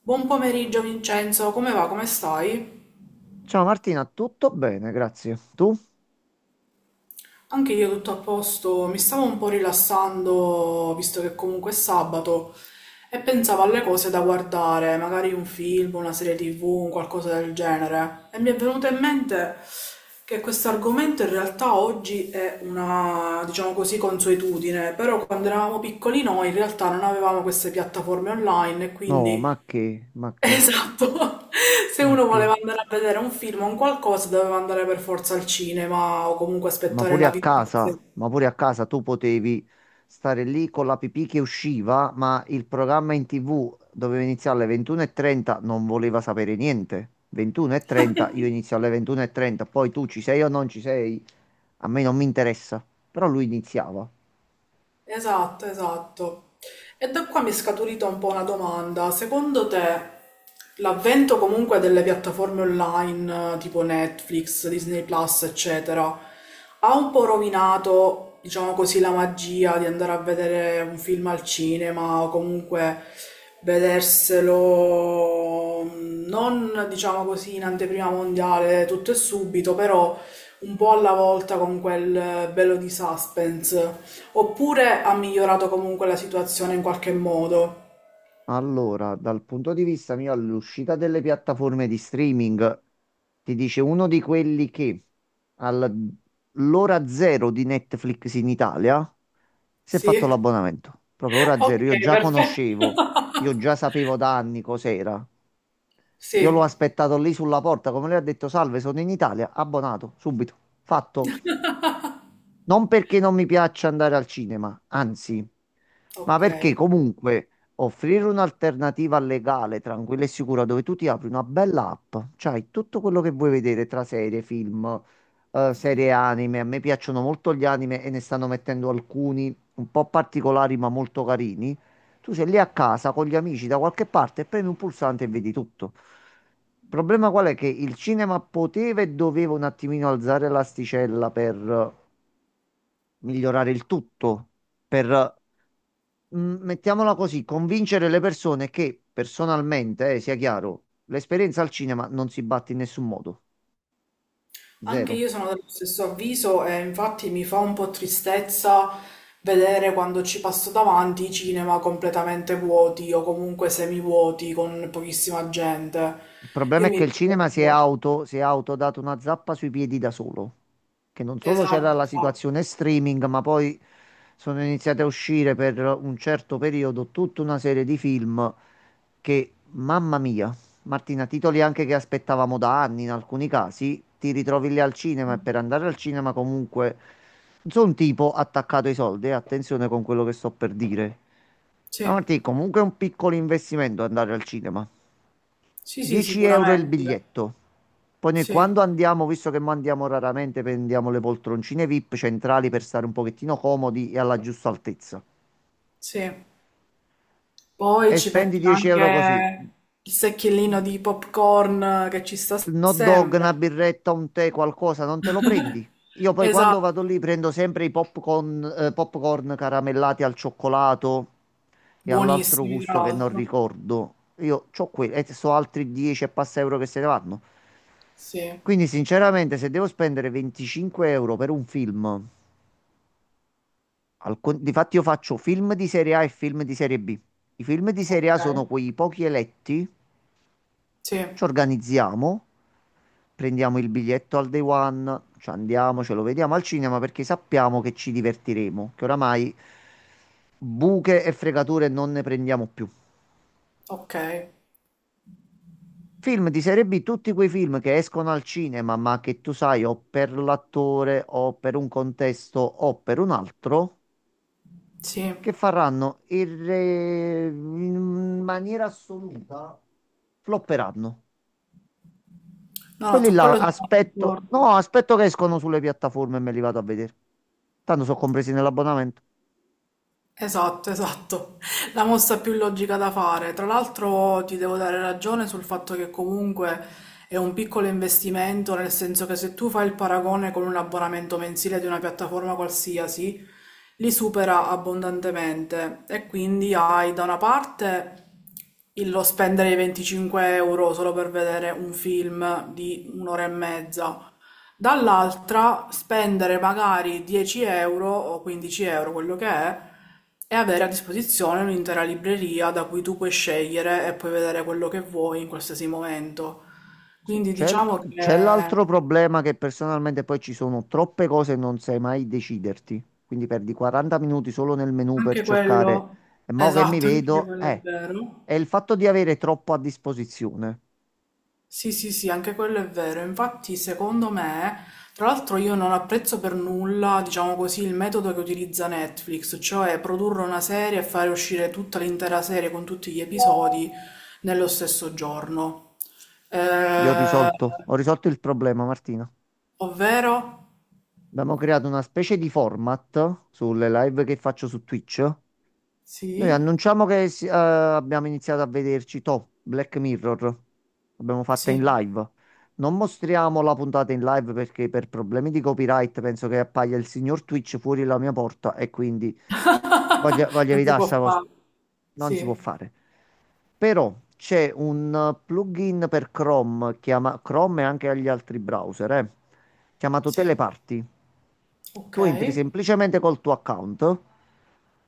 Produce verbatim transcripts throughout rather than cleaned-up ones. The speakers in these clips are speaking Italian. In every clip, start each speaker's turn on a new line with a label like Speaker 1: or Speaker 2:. Speaker 1: Buon pomeriggio Vincenzo, come va? Come stai?
Speaker 2: Ciao Martina, tutto bene, grazie. Tu?
Speaker 1: Anche io tutto a posto, mi stavo un po' rilassando visto che comunque è sabato e pensavo alle cose da guardare, magari un film, una serie T V, un qualcosa del genere. E mi è venuto in mente che questo argomento in realtà oggi è una, diciamo così, consuetudine, però quando eravamo piccoli noi in realtà non avevamo queste piattaforme online e
Speaker 2: No,
Speaker 1: quindi
Speaker 2: ma che, ma che,
Speaker 1: esatto, se
Speaker 2: ma
Speaker 1: uno voleva
Speaker 2: che,
Speaker 1: andare a vedere un film o un qualcosa doveva andare per forza al cinema o comunque
Speaker 2: ma
Speaker 1: aspettare
Speaker 2: pure
Speaker 1: la
Speaker 2: a casa,
Speaker 1: videocassetta.
Speaker 2: ma pure a casa tu potevi stare lì con la pipì che usciva, ma il programma in T V doveva iniziare alle ventuno e trenta, non voleva sapere niente. ventuno e trenta, io inizio alle ventuno e trenta, poi tu ci sei o non ci sei, a me non mi interessa. Però lui iniziava.
Speaker 1: Esatto, esatto. E da qua mi è scaturita un po' una domanda. Secondo te l'avvento comunque delle piattaforme online eh, tipo Netflix, Disney Plus, eccetera, ha un po' rovinato, diciamo così, la magia di andare a vedere un film al cinema o comunque vederselo mm, non, diciamo così, in anteprima mondiale tutto e subito, però un po' alla volta con quel bello di suspense. Oppure ha migliorato comunque la situazione in qualche modo?
Speaker 2: Allora, dal punto di vista mio, all'uscita delle piattaforme di streaming, ti dice uno di quelli che all'ora zero di Netflix in Italia si è fatto
Speaker 1: Sì?
Speaker 2: l'abbonamento. Proprio ora zero. Io
Speaker 1: Ok,
Speaker 2: già
Speaker 1: perfetto.
Speaker 2: conoscevo, io già sapevo da anni cos'era.
Speaker 1: Sì.
Speaker 2: Io l'ho aspettato lì sulla porta, come lui ha detto, salve, sono in Italia, abbonato, subito, fatto. Non perché non mi piaccia andare al cinema, anzi, ma
Speaker 1: Ok.
Speaker 2: perché comunque offrire un'alternativa legale, tranquilla e sicura, dove tu ti apri una bella app, c'hai tutto quello che vuoi vedere tra serie, film, eh, serie anime. A me piacciono molto gli anime e ne stanno mettendo alcuni un po' particolari ma molto carini. Tu sei lì a casa con gli amici da qualche parte e premi un pulsante e vedi tutto. Il problema qual è? Che il cinema poteva e doveva un attimino alzare l'asticella per migliorare il tutto, per, mm, mettiamola così, convincere le persone che personalmente, eh, sia chiaro, l'esperienza al cinema non si batte in nessun modo,
Speaker 1: Anche
Speaker 2: zero.
Speaker 1: io sono dello stesso avviso e infatti mi fa un po' tristezza vedere quando ci passo davanti i cinema completamente vuoti o comunque semivuoti con pochissima gente.
Speaker 2: Il
Speaker 1: Io
Speaker 2: problema è
Speaker 1: mi
Speaker 2: che il cinema si è
Speaker 1: ricordo.
Speaker 2: auto, si è autodato una zappa sui piedi da solo, che non solo c'era
Speaker 1: Esatto,
Speaker 2: la situazione
Speaker 1: esatto.
Speaker 2: streaming, ma poi sono iniziate a uscire per un certo periodo tutta una serie di film che, mamma mia, Martina, titoli anche che aspettavamo da anni in alcuni casi, ti ritrovi lì al cinema e per andare al cinema comunque non sono un tipo attaccato ai soldi, eh, attenzione con quello che sto per dire.
Speaker 1: Sì,
Speaker 2: No, Martina, comunque è un piccolo investimento andare al cinema.
Speaker 1: sì, sì,
Speaker 2: dieci euro il
Speaker 1: sicuramente.
Speaker 2: biglietto. Poi noi
Speaker 1: Sì,
Speaker 2: quando andiamo, visto che mo andiamo raramente, prendiamo le poltroncine VIP centrali per stare un pochettino comodi e alla giusta altezza.
Speaker 1: sì. Poi
Speaker 2: E
Speaker 1: ci
Speaker 2: spendi
Speaker 1: metto
Speaker 2: dieci euro così.
Speaker 1: anche il secchiellino di popcorn che ci sta
Speaker 2: Hot dog, una
Speaker 1: sempre.
Speaker 2: birretta, un tè, qualcosa, non te lo prendi? Io poi quando vado
Speaker 1: Esatto,
Speaker 2: lì prendo sempre i popcorn, eh, popcorn caramellati al cioccolato e all'altro
Speaker 1: buonissimi tra
Speaker 2: gusto che non
Speaker 1: l'altro.
Speaker 2: ricordo. Io c'ho quelli e so altri dieci e passa euro che se ne vanno.
Speaker 1: Sì,
Speaker 2: Quindi sinceramente se devo spendere venticinque euro per un film, al con- difatti io faccio film di serie A e film di serie B. I film di serie
Speaker 1: ok.
Speaker 2: A sono quei pochi eletti,
Speaker 1: Sì,
Speaker 2: ci organizziamo, prendiamo il biglietto al day one, ci andiamo, ce lo vediamo al cinema perché sappiamo che ci divertiremo, che oramai buche e fregature non ne prendiamo più.
Speaker 1: ok.
Speaker 2: Film di serie B, tutti quei film che escono al cinema, ma che tu sai o per l'attore o per un contesto o per un altro,
Speaker 1: Sì.
Speaker 2: che faranno irre- in maniera assoluta, flopperanno.
Speaker 1: No, no,
Speaker 2: Quelli
Speaker 1: su
Speaker 2: là
Speaker 1: quello sono
Speaker 2: aspetto,
Speaker 1: d'accordo.
Speaker 2: no, aspetto che escono sulle piattaforme e me li vado a vedere. Tanto sono compresi nell'abbonamento.
Speaker 1: Esatto, esatto. La mossa più logica da fare. Tra l'altro ti devo dare ragione sul fatto che comunque è un piccolo investimento, nel senso che se tu fai il paragone con un abbonamento mensile di una piattaforma qualsiasi, li supera abbondantemente e quindi hai da una parte il- lo spendere i venticinque euro solo per vedere un film di un'ora e mezza. Dall'altra spendere magari dieci euro o quindici euro, quello che è, e avere a disposizione un'intera libreria da cui tu puoi scegliere e puoi vedere quello che vuoi in qualsiasi momento.
Speaker 2: Sì,
Speaker 1: Quindi
Speaker 2: c'è il-
Speaker 1: diciamo
Speaker 2: c'è
Speaker 1: che
Speaker 2: l'altro problema che personalmente poi ci sono troppe cose e non sai mai deciderti. Quindi perdi quaranta minuti solo nel menu per
Speaker 1: anche
Speaker 2: cercare.
Speaker 1: quello,
Speaker 2: E mo che mi
Speaker 1: esatto, anche
Speaker 2: vedo,
Speaker 1: quello è
Speaker 2: eh,
Speaker 1: vero.
Speaker 2: è il fatto di avere troppo a disposizione.
Speaker 1: Sì, sì, sì, anche quello è vero. Infatti, secondo me, tra l'altro io non apprezzo per nulla, diciamo così, il metodo che utilizza Netflix, cioè produrre una serie e fare uscire tutta l'intera serie con tutti gli episodi nello stesso giorno.
Speaker 2: Io ho
Speaker 1: Eh,
Speaker 2: risolto, ho risolto il problema, Martina.
Speaker 1: ovvero?
Speaker 2: Abbiamo creato una specie di format sulle live che faccio su Twitch. Noi
Speaker 1: Sì,
Speaker 2: annunciamo che si- eh, abbiamo iniziato a vederci Top Black Mirror. L'abbiamo fatta in
Speaker 1: sì.
Speaker 2: live. Non mostriamo la puntata in live perché per problemi di copyright penso che appaia il signor Twitch fuori la mia porta e quindi voglio, voglio
Speaker 1: Non si
Speaker 2: evitare
Speaker 1: può
Speaker 2: sta cosa.
Speaker 1: fare.
Speaker 2: Non
Speaker 1: Sì,
Speaker 2: si può fare. Però c'è un eh, plugin per Chrome, chiama Chrome e anche agli altri browser, eh, chiamato
Speaker 1: sì.
Speaker 2: Teleparty.
Speaker 1: Ok,
Speaker 2: Tu entri semplicemente col tuo account,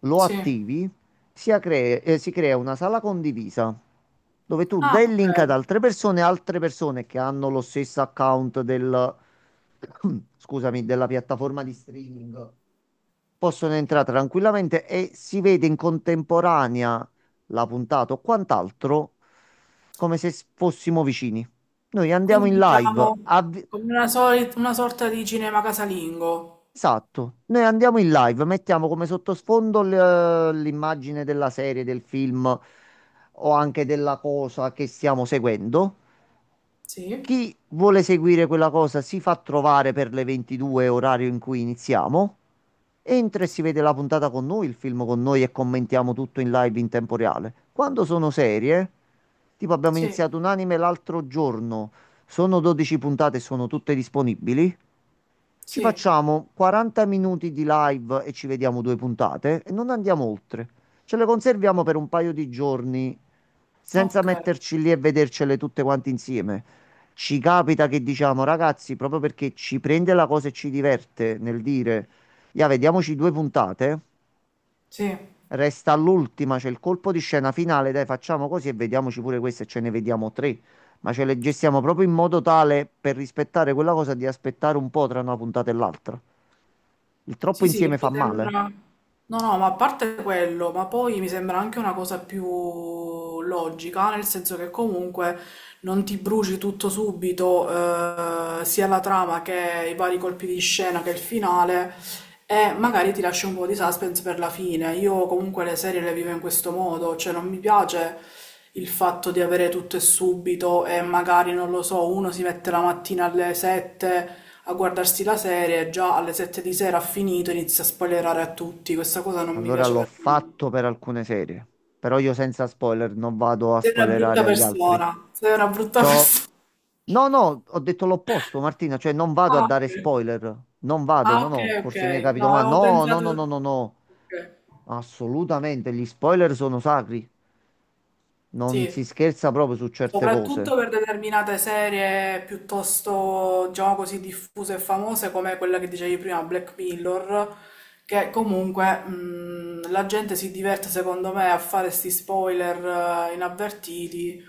Speaker 2: lo
Speaker 1: sì.
Speaker 2: attivi, sia cre- eh, si crea una sala condivisa dove tu
Speaker 1: Ah,
Speaker 2: dai il
Speaker 1: ok.
Speaker 2: link ad altre persone, altre persone che hanno lo stesso account del, scusami, della piattaforma di streaming, possono entrare tranquillamente e si vede in contemporanea la puntata o quant'altro come se s- fossimo vicini. Noi andiamo
Speaker 1: Quindi
Speaker 2: in
Speaker 1: diciamo
Speaker 2: live, avvi-
Speaker 1: come una, soli- una sorta di cinema casalingo.
Speaker 2: esatto, noi andiamo in live, mettiamo come sottosfondo l- l'immagine della serie, del film o anche della cosa che stiamo seguendo.
Speaker 1: Sì,
Speaker 2: Chi vuole seguire quella cosa si fa trovare per le ventidue, orario in cui iniziamo, entra e si vede la puntata con noi, il film con noi e commentiamo tutto in live in tempo reale. Quando sono serie, tipo abbiamo
Speaker 1: sì,
Speaker 2: iniziato un anime l'altro giorno, sono dodici puntate e sono tutte disponibili. Ci
Speaker 1: sì,
Speaker 2: facciamo quaranta minuti di live e ci vediamo due puntate e non andiamo oltre. Ce le conserviamo per un paio di giorni senza
Speaker 1: ok,
Speaker 2: metterci lì e vedercele tutte quante insieme. Ci capita che diciamo, ragazzi, proprio perché ci prende la cosa e ci diverte nel dire, ya, vediamoci due puntate.
Speaker 1: sì,
Speaker 2: Resta all'ultima, c'è il colpo di scena finale, dai, facciamo così e vediamoci pure queste, ce ne vediamo tre. Ma ce le gestiamo proprio in modo tale per rispettare quella cosa di aspettare un po' tra una puntata e l'altra. Il troppo
Speaker 1: sì, sì, che
Speaker 2: insieme
Speaker 1: mi
Speaker 2: fa male.
Speaker 1: sembra... No, no, ma a parte quello, ma poi mi sembra anche una cosa più logica, nel senso che comunque non ti bruci tutto subito, eh, sia la trama che i vari colpi di scena che il finale. E magari ti lascia un po' di suspense per la fine. Io comunque le serie le vivo in questo modo, cioè non mi piace il fatto di avere tutto e subito e magari, non lo so, uno si mette la mattina alle sette a guardarsi la serie e già alle sette di sera ha finito, e inizia a spoilerare a tutti. Questa cosa non mi
Speaker 2: Allora
Speaker 1: piace
Speaker 2: l'ho
Speaker 1: per
Speaker 2: fatto
Speaker 1: niente.
Speaker 2: per alcune serie. Però io senza spoiler non vado a
Speaker 1: Sei una brutta
Speaker 2: spoilerare agli altri.
Speaker 1: persona, sei una brutta
Speaker 2: C'ho...
Speaker 1: persona.
Speaker 2: No, no, ho detto l'opposto, Martina, cioè non vado a
Speaker 1: Ah, ok.
Speaker 2: dare spoiler. Non vado,
Speaker 1: Ah,
Speaker 2: no,
Speaker 1: ok,
Speaker 2: no,
Speaker 1: ok.
Speaker 2: forse mi hai capito
Speaker 1: No,
Speaker 2: male.
Speaker 1: avevo
Speaker 2: No, no,
Speaker 1: pensato...
Speaker 2: no, no, no, no.
Speaker 1: Ok.
Speaker 2: Assolutamente, gli spoiler sono sacri. Non si
Speaker 1: Sì.
Speaker 2: scherza proprio su certe cose.
Speaker 1: Soprattutto per determinate serie piuttosto, diciamo così, diffuse e famose come quella che dicevi prima, Black Mirror, che comunque mh, la gente si diverte secondo me a fare sti spoiler eh, inavvertiti.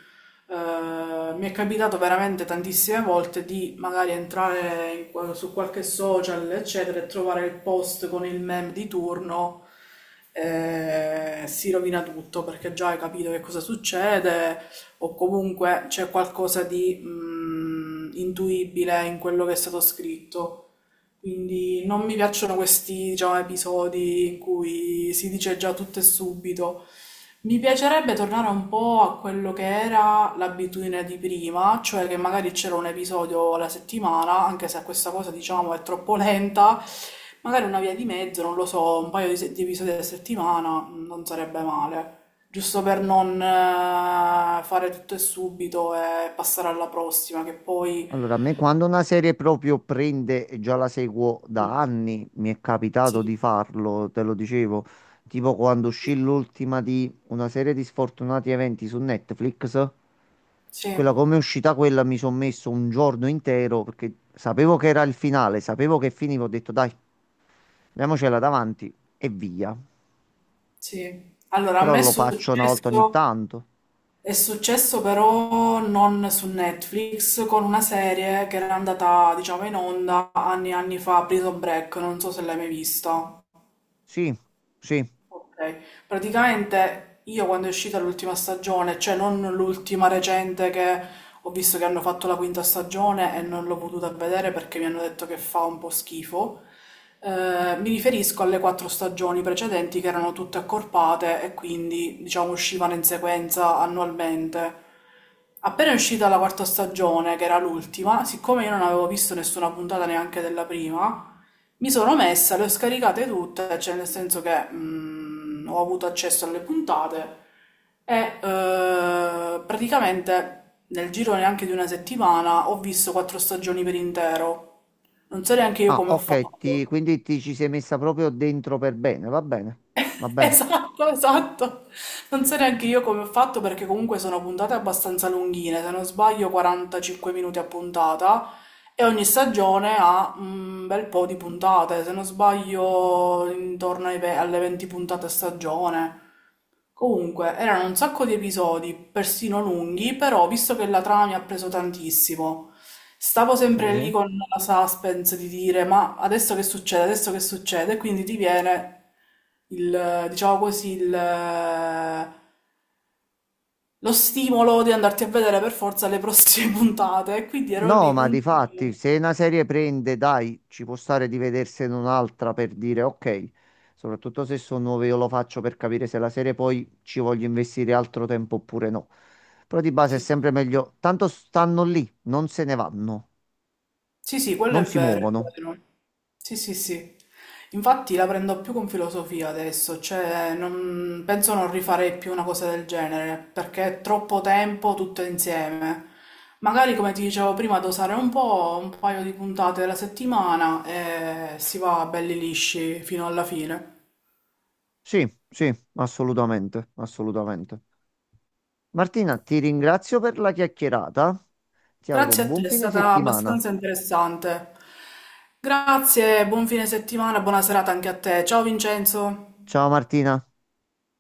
Speaker 1: Eh, mi è capitato veramente tantissime volte di magari entrare in qual- su qualche social, eccetera, e trovare il post con il meme di turno, eh, si rovina tutto perché già hai capito che cosa succede, o comunque c'è qualcosa di mh, intuibile in quello che è stato scritto. Quindi non mi piacciono questi, diciamo, episodi in cui si dice già tutto e subito. Mi piacerebbe tornare un po' a quello che era l'abitudine di prima, cioè che magari c'era un episodio alla settimana, anche se questa cosa, diciamo, è troppo lenta, magari una via di mezzo, non lo so, un paio di, se- di episodi alla settimana mm, non sarebbe male, giusto per non eh, fare tutto e subito e passare alla prossima, che poi...
Speaker 2: Allora, a me quando una serie proprio prende e già la seguo da
Speaker 1: Mm,
Speaker 2: anni, mi è capitato di
Speaker 1: sì,
Speaker 2: farlo, te lo dicevo, tipo quando uscì
Speaker 1: sì.
Speaker 2: l'ultima di una serie di sfortunati eventi su Netflix,
Speaker 1: Sì.
Speaker 2: quella come è uscita quella mi sono messo un giorno intero perché sapevo che era il finale, sapevo che finiva, ho detto dai, andiamocela davanti e via.
Speaker 1: Sì, allora a
Speaker 2: Però
Speaker 1: me è
Speaker 2: lo faccio una volta ogni
Speaker 1: successo,
Speaker 2: tanto.
Speaker 1: è successo però non su Netflix, con una serie che era andata, diciamo, in onda anni e anni fa, Prison Break, non so se l'hai mai vista.
Speaker 2: Sì, sì.
Speaker 1: Ok, praticamente io quando è uscita l'ultima stagione, cioè non l'ultima recente che ho visto che hanno fatto la quinta stagione e non l'ho potuta vedere perché mi hanno detto che fa un po' schifo. Eh, mi riferisco alle quattro stagioni precedenti che erano tutte accorpate e quindi, diciamo, uscivano in sequenza annualmente. Appena è uscita la quarta stagione, che era l'ultima, siccome io non avevo visto nessuna puntata neanche della prima, mi sono messa, le ho scaricate tutte, cioè nel senso che mh, ho avuto accesso alle puntate e eh, praticamente nel giro neanche di una settimana ho visto quattro stagioni per intero. Non so neanche io
Speaker 2: Ah,
Speaker 1: come ho fatto.
Speaker 2: ok, ti- quindi ti ci sei messa proprio dentro per bene, va bene, va bene.
Speaker 1: Esatto, esatto. Non so neanche io come ho fatto perché comunque sono puntate abbastanza lunghine, se non sbaglio quarantacinque minuti a puntata e ogni stagione ha un bel po' di puntate, se non sbaglio intorno ai ve- alle venti puntate a stagione. Comunque, erano un sacco di episodi, persino lunghi, però visto che la trama mi ha preso tantissimo, stavo sempre lì
Speaker 2: Sì.
Speaker 1: con la suspense di dire ma adesso che succede, adesso che succede, e quindi ti viene il, diciamo così, il, lo stimolo di andarti a vedere per forza le prossime puntate, e quindi ero
Speaker 2: No,
Speaker 1: lì
Speaker 2: ma di
Speaker 1: puntino.
Speaker 2: fatti, se una serie prende, dai, ci può stare di vedersene un'altra per dire ok, soprattutto se sono nuove, io lo faccio per capire se la serie poi ci voglio investire altro tempo oppure no. Però di base è
Speaker 1: Sì, sì.
Speaker 2: sempre meglio, tanto stanno lì, non se ne vanno,
Speaker 1: Sì, sì, quello
Speaker 2: non
Speaker 1: è
Speaker 2: si
Speaker 1: vero, è
Speaker 2: muovono.
Speaker 1: vero. Sì, sì, sì. Infatti la prendo più con filosofia adesso, cioè non, penso non rifarei più una cosa del genere, perché è troppo tempo tutto insieme. Magari, come ti dicevo prima, dosare un po', un paio di puntate alla settimana e si va belli lisci fino alla fine.
Speaker 2: Sì, sì, assolutamente, assolutamente. Martina, ti ringrazio per la chiacchierata. Ti auguro
Speaker 1: Grazie
Speaker 2: un
Speaker 1: a te,
Speaker 2: buon
Speaker 1: è
Speaker 2: fine
Speaker 1: stata
Speaker 2: settimana.
Speaker 1: abbastanza interessante. Grazie, buon fine settimana, buona serata anche a te. Ciao Vincenzo.
Speaker 2: Ciao Martina.